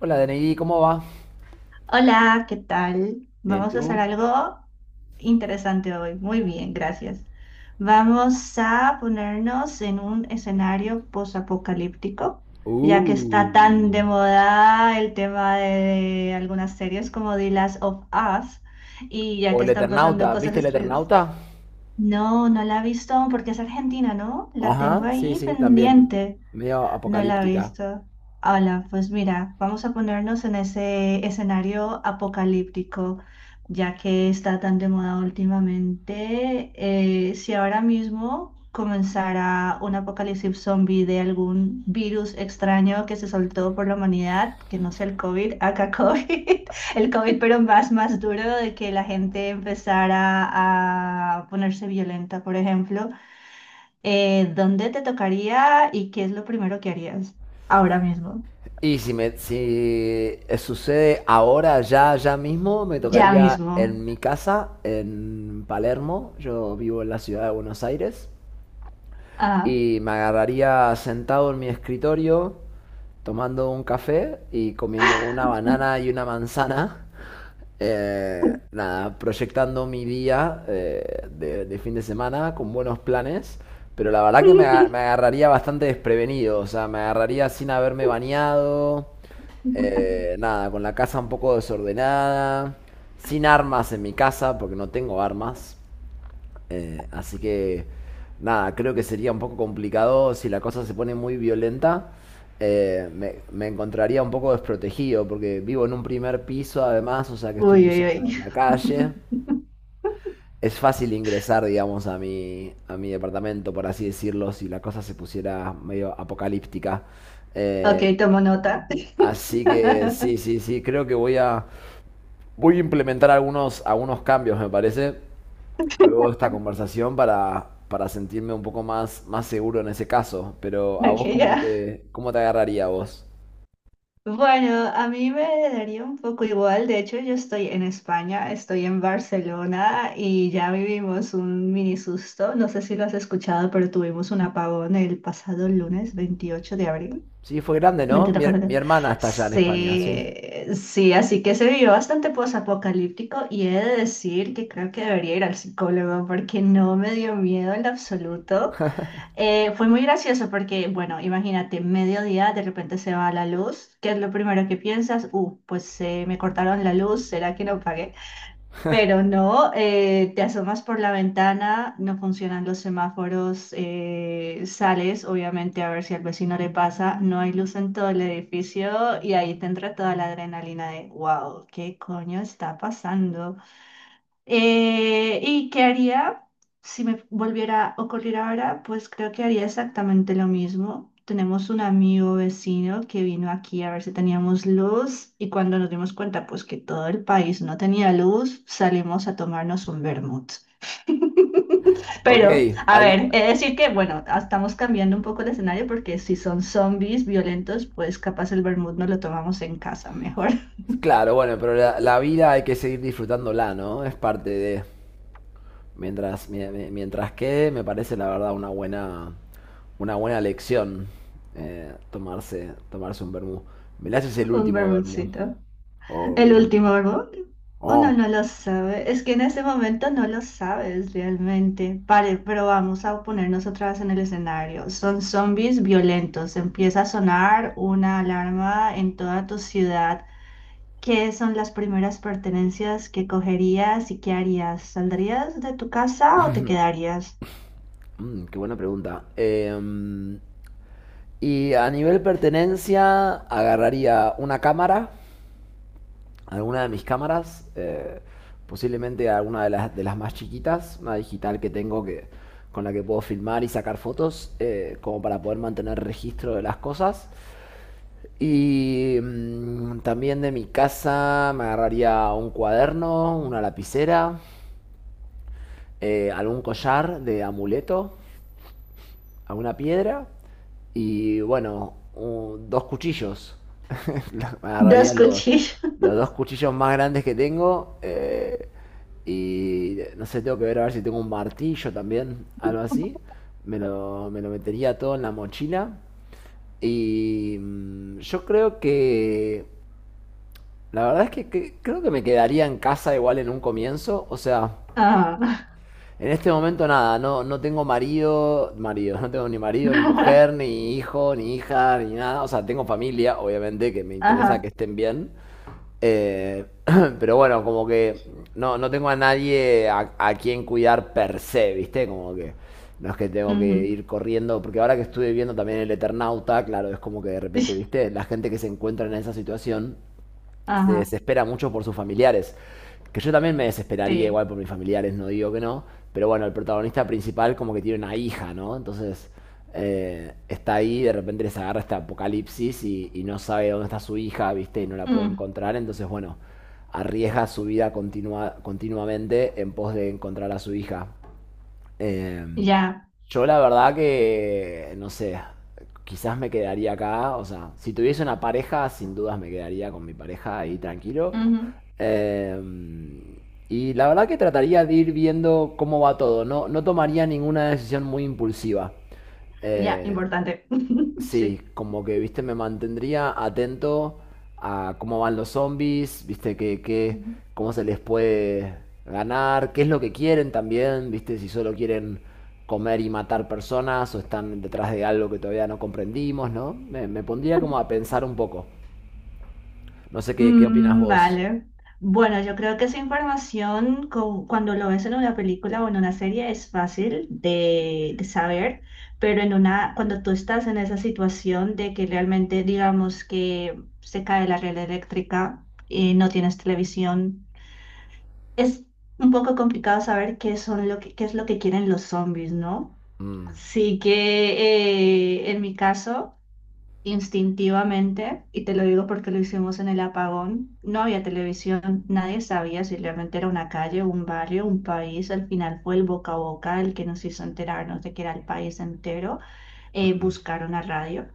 Hola, DNI, ¿cómo va? Hola, ¿qué tal? Bien, Vamos a hacer ¿tú? algo interesante hoy. Muy bien, gracias. Vamos a ponernos en un escenario posapocalíptico, ya que está tan Uh. de moda el tema de algunas series como The Last of Us y ya O que el están pasando Eternauta, cosas ¿viste el extrañas. Eternauta? No, no la he visto aún porque es argentina, ¿no? La tengo Ajá, sí, ahí sí, también. pendiente. Medio No la he apocalíptica. visto. Hola, pues mira, vamos a ponernos en ese escenario apocalíptico, ya que está tan de moda últimamente. Si ahora mismo comenzara un apocalipsis zombie de algún virus extraño que se soltó por la humanidad, que no sea el COVID, acá COVID, el COVID pero más duro de que la gente empezara a ponerse violenta, por ejemplo. ¿Dónde te tocaría y qué es lo primero que harías? Ahora mismo. Y si me, si Sucede ahora, ya, ya mismo, me Ya tocaría mismo. en mi casa, en Palermo. Yo vivo en la ciudad de Buenos Aires. Ah. Y me agarraría sentado en mi escritorio tomando un café y comiendo una banana y una manzana. Nada, proyectando mi día de fin de semana con buenos planes, pero la verdad que me agarraría bastante desprevenido, o sea, me agarraría sin haberme bañado, nada, con la casa un poco desordenada, sin armas en mi casa, porque no tengo armas, eh, así que, nada, creo que sería un poco complicado si la cosa se pone muy violenta. Me encontraría un poco desprotegido porque vivo en un primer piso además, o sea que estoy Uy, muy uy, cerca de uy. la calle. Es fácil ingresar, digamos, a mi departamento, por así decirlo, si la cosa se pusiera medio apocalíptica. Ok, Eh, tomo nota. Así que sí, sí, sí, creo que voy a, voy a implementar algunos cambios, me parece luego de esta conversación para sentirme un poco más seguro en ese caso. Pero a Ok, vos, ya. ¿Cómo te agarraría a vos? Bueno, a mí me daría un poco igual. De hecho, yo estoy en España, estoy en Barcelona y ya vivimos un mini susto. No sé si lo has escuchado, pero tuvimos un apagón el pasado lunes 28 de abril. Sí, fue grande, ¿no? Vente, toca. Mi hermana está allá en España, sí. Sí, sí, así que se vivió bastante posapocalíptico y he de decir que creo que debería ir al psicólogo porque no me dio miedo en lo absoluto. Fue muy gracioso porque, bueno, imagínate, mediodía de repente se va la luz, ¿qué es lo primero que piensas? Me cortaron la luz, ¿será que no pagué? Pero no, te asomas por la ventana, no funcionan los semáforos, sales obviamente a ver si al vecino le pasa, no hay luz en todo el edificio y ahí te entra toda la adrenalina de, wow, ¿qué coño está pasando? ¿Y qué haría si me volviera a ocurrir ahora? Pues creo que haría exactamente lo mismo. Tenemos un amigo vecino que vino aquí a ver si teníamos luz y cuando nos dimos cuenta pues que todo el país no tenía luz, salimos a tomarnos un vermut. Ok, Pero, a adi- ver, he de decir que, bueno, ah, estamos cambiando un poco el escenario porque si son zombies violentos, pues capaz el vermut no lo tomamos en casa, mejor claro, bueno, pero la vida hay que seguir disfrutándola, ¿no? Es parte de... Mientras, mientras quede, me parece la verdad una buena lección tomarse un vermú. Velázquez es el un último vermú. vermutcito. Oh, El Dios último mío. álbum, uno no Oh. no lo sabe, es que en ese momento no lo sabes realmente. Pero vamos a ponernos otra vez en el escenario. Son zombies violentos. Empieza a sonar una alarma en toda tu ciudad. ¿Qué son las primeras pertenencias que cogerías y qué harías? ¿Saldrías de tu casa o te quedarías? Mm, qué buena pregunta. Y a nivel pertenencia, agarraría una cámara, alguna de mis cámaras, posiblemente alguna de de las más chiquitas, una digital con la que puedo filmar y sacar fotos, como para poder mantener registro de las cosas. Y mm, también de mi casa me agarraría un cuaderno, una lapicera, algún collar de amuleto a una piedra y bueno, dos cuchillos. Dos Agarraría cuchillos. los dos cuchillos más grandes que tengo y no sé, tengo que ver a ver si tengo un martillo también, algo así. Me lo metería todo en la mochila y mm, yo creo que... La verdad es que creo que me quedaría en casa igual en un comienzo, o sea... Ajá. En este momento nada, no tengo marido, no tengo ni marido, ni mujer, ni hijo, ni hija, ni nada. O sea, tengo familia, obviamente, que me interesa que Ajá. estén bien. Eh, pero bueno, como que no tengo a nadie a quien cuidar per se, ¿viste? Como que no es que tengo que Ujú. ir corriendo, porque ahora que estuve viendo también el Eternauta, claro, es como que de repente, ¿viste? La gente que se encuentra en esa situación se Ajá. desespera mucho por sus familiares. Que yo también me desesperaría Sí. igual por mis familiares, no digo que no. Pero bueno, el protagonista principal como que tiene una hija, ¿no? Entonces está ahí, de repente les agarra este apocalipsis y no sabe dónde está su hija, ¿viste? Y no la puede Mm. encontrar. Entonces, bueno, arriesga su vida continuamente en pos de encontrar a su hija. Eh, Ya. yo la verdad que, no sé, quizás me quedaría acá, o sea, si tuviese una pareja, sin dudas me quedaría con mi pareja ahí tranquilo. Ujú. Eh, y la verdad que trataría de ir viendo cómo va todo, no tomaría ninguna decisión muy impulsiva. Ya, Eh, importante. Sí, Sí. como que, viste, me mantendría atento a cómo van los zombies, viste, Ujú. cómo se les puede ganar, qué es lo que quieren también, viste, si solo quieren comer y matar personas o están detrás de algo que todavía no comprendimos, ¿no? Me pondría como a pensar un poco. No sé qué opinas Mm, vos. vale. Bueno, yo creo que esa información, cuando lo ves en una película o en una serie, es fácil de saber, pero en una, cuando tú estás en esa situación de que realmente, digamos, que se cae la red eléctrica y no tienes televisión, es un poco complicado saber qué son lo que, qué es lo que quieren los zombies, ¿no? Mm, Sí que en mi caso. Instintivamente, y te lo digo porque lo hicimos en el apagón, no había televisión, nadie sabía si realmente era una calle, un barrio, un país, al final fue el boca a boca el que nos hizo enterarnos de que era el país entero, mm, mm. buscar una radio.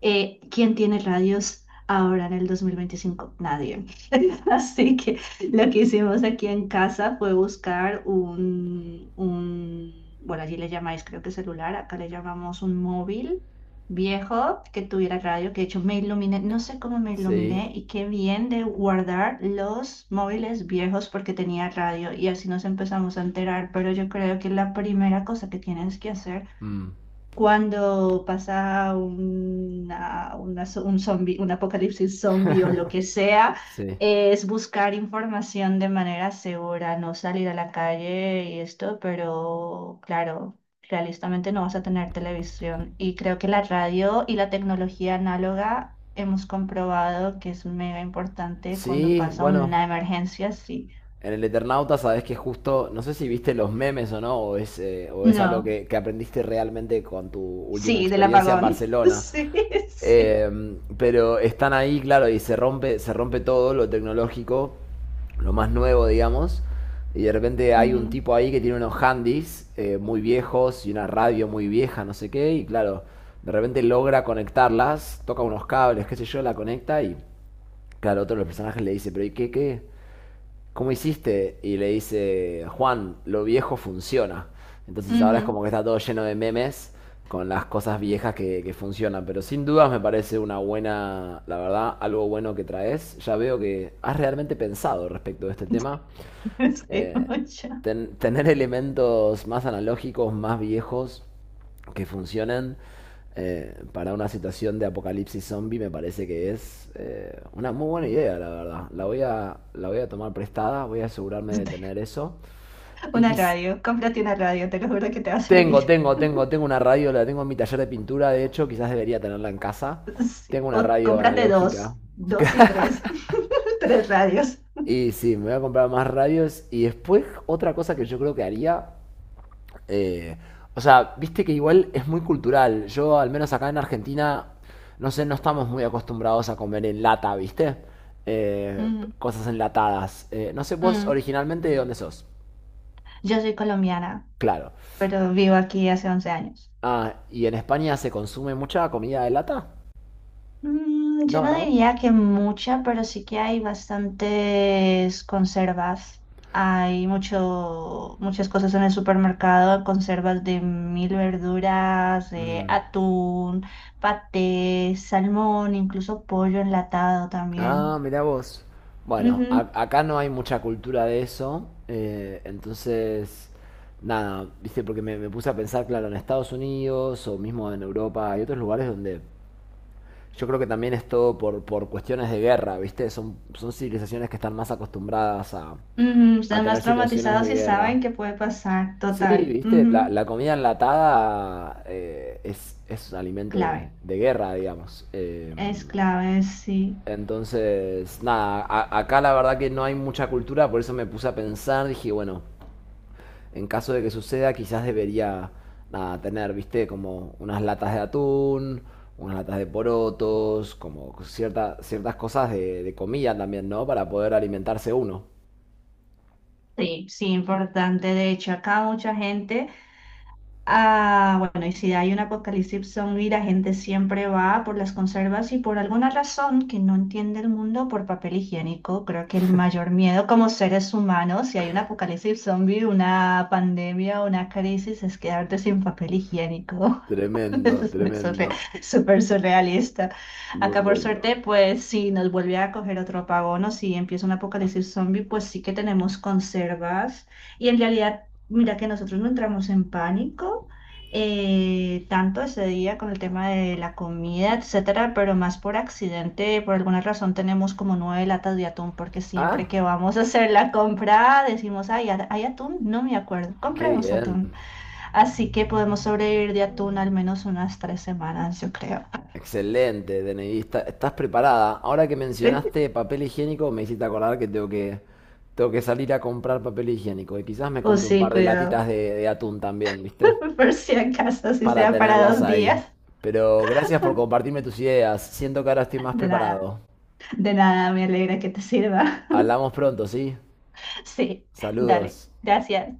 ¿Quién tiene radios ahora en el 2025? Nadie. Así que lo que hicimos aquí en casa fue buscar bueno, allí le llamáis creo que celular, acá le llamamos un móvil viejo que tuviera radio, que de hecho me iluminé, no sé cómo me sí, iluminé y qué bien de guardar los móviles viejos porque tenía radio y así nos empezamos a enterar, pero yo creo que la primera cosa que tienes que hacer mm, cuando pasa una zo- un zombi- un apocalipsis zombie o lo que sea, sí. es buscar información de manera segura, no salir a la calle y esto, pero claro, realistamente no vas a tener televisión. Y creo que la radio y la tecnología análoga hemos comprobado que es mega importante cuando Sí, pasa bueno, una emergencia así. en el Eternauta sabes que justo, no sé si viste los memes o no, o es algo No, que aprendiste realmente con tu última sí, del experiencia en apagón. Barcelona. Sí, sí. Eh, pero están ahí, claro, y se rompe todo lo tecnológico, lo más nuevo, digamos. Y de repente hay un Ujú, tipo ahí que tiene unos handys muy viejos y una radio muy vieja, no sé qué. Y claro, de repente logra conectarlas, toca unos cables, qué sé yo, la conecta y claro, otro de los personajes le dice, pero ¿qué? ¿Cómo hiciste? Y le dice, Juan, lo viejo funciona. Entonces ahora es ujú. como que está todo lleno de memes con las cosas viejas que funcionan. Pero sin dudas me parece una buena, la verdad, algo bueno que traes. Ya veo que has realmente pensado respecto de este tema Sí, eh, mucho. Tener elementos más analógicos, más viejos, que funcionen para una situación de apocalipsis zombie me parece que es una muy buena idea, la verdad. La voy a tomar prestada, voy a asegurarme de tener eso. Y Una quis- radio, cómprate una radio, te lo juro que te va a servir. Tengo una radio, la tengo en mi taller de pintura, de hecho, quizás debería tenerla en casa. Sí. Tengo una O radio cómprate analógica. dos, dos y tres, tres radios. Y sí, me voy a comprar más radios. Y después, otra cosa que yo creo que haría. Eh, o sea, viste que igual es muy cultural. Yo, al menos acá en Argentina, no sé, no estamos muy acostumbrados a comer en lata, ¿viste? Eh, Mm, Cosas enlatadas. No sé, vos mm. originalmente de dónde sos. Yo soy colombiana, Claro. pero vivo aquí hace 11 años. Ah, ¿y en España se consume mucha comida de lata? Mm, yo No, no ¿no? diría que mucha, pero sí que hay bastantes conservas. Hay muchas cosas en el supermercado, conservas de mil verduras, de Mm. atún, paté, salmón, incluso pollo enlatado Ah, también. mirá vos. Bueno, Ujú, acá no hay mucha cultura de eso, nada, viste, porque me puse a pensar, claro, en Estados Unidos o mismo en Europa hay otros lugares donde yo creo que también es todo por cuestiones de guerra, viste, son civilizaciones que están más acostumbradas ujú, a están más tener situaciones de traumatizados y guerra. saben que puede pasar, Sí, total. viste, Ujú. la comida enlatada es un alimento Clave, de guerra, digamos. Es clave, sí. Nada, acá la verdad que no hay mucha cultura, por eso me puse a pensar, dije, bueno, en caso de que suceda, quizás debería, nada, tener, viste, como unas latas de atún, unas latas de porotos, como cierta, ciertas cosas de comida también, ¿no? Para poder alimentarse uno. Sí, sí, importante. De hecho, acá mucha gente... Ah, bueno, y si hay un apocalipsis zombie, la gente siempre va por las conservas y por alguna razón que no entiende el mundo por papel higiénico. Creo que el mayor miedo como seres humanos, si hay un apocalipsis zombie, una pandemia, una crisis, es quedarte sin papel higiénico. Tremendo, Es surre- tremendo. súper surrealista. Muy Acá por bueno. suerte, pues si nos vuelve a coger otro apagón o si empieza un apocalipsis zombie, pues sí que tenemos conservas. Y en realidad, mira que nosotros no entramos en pánico tanto ese día con el tema de la comida, etcétera, pero más por accidente, por alguna razón tenemos como 9 latas de atún, porque siempre Ah, que vamos a hacer la compra decimos, ay, ¿hay atún? No me acuerdo, qué compremos bien. atún. Así que podemos sobrevivir de atún al menos unas 3 semanas, yo creo. Excelente, DNIista. ¿Estás preparada? Ahora que mencionaste papel higiénico, me hiciste acordar que tengo que salir a comprar papel higiénico. Y quizás me O compre un sí, par de cuidado. latitas de atún también, ¿viste? Por si acaso, si Para sea para tenerlas dos ahí. días. Pero gracias por compartirme tus ideas. Siento que ahora estoy más De nada, preparado. de nada, me alegra que te sirva. Hablamos pronto, ¿sí? Sí, dale. Saludos. Gracias.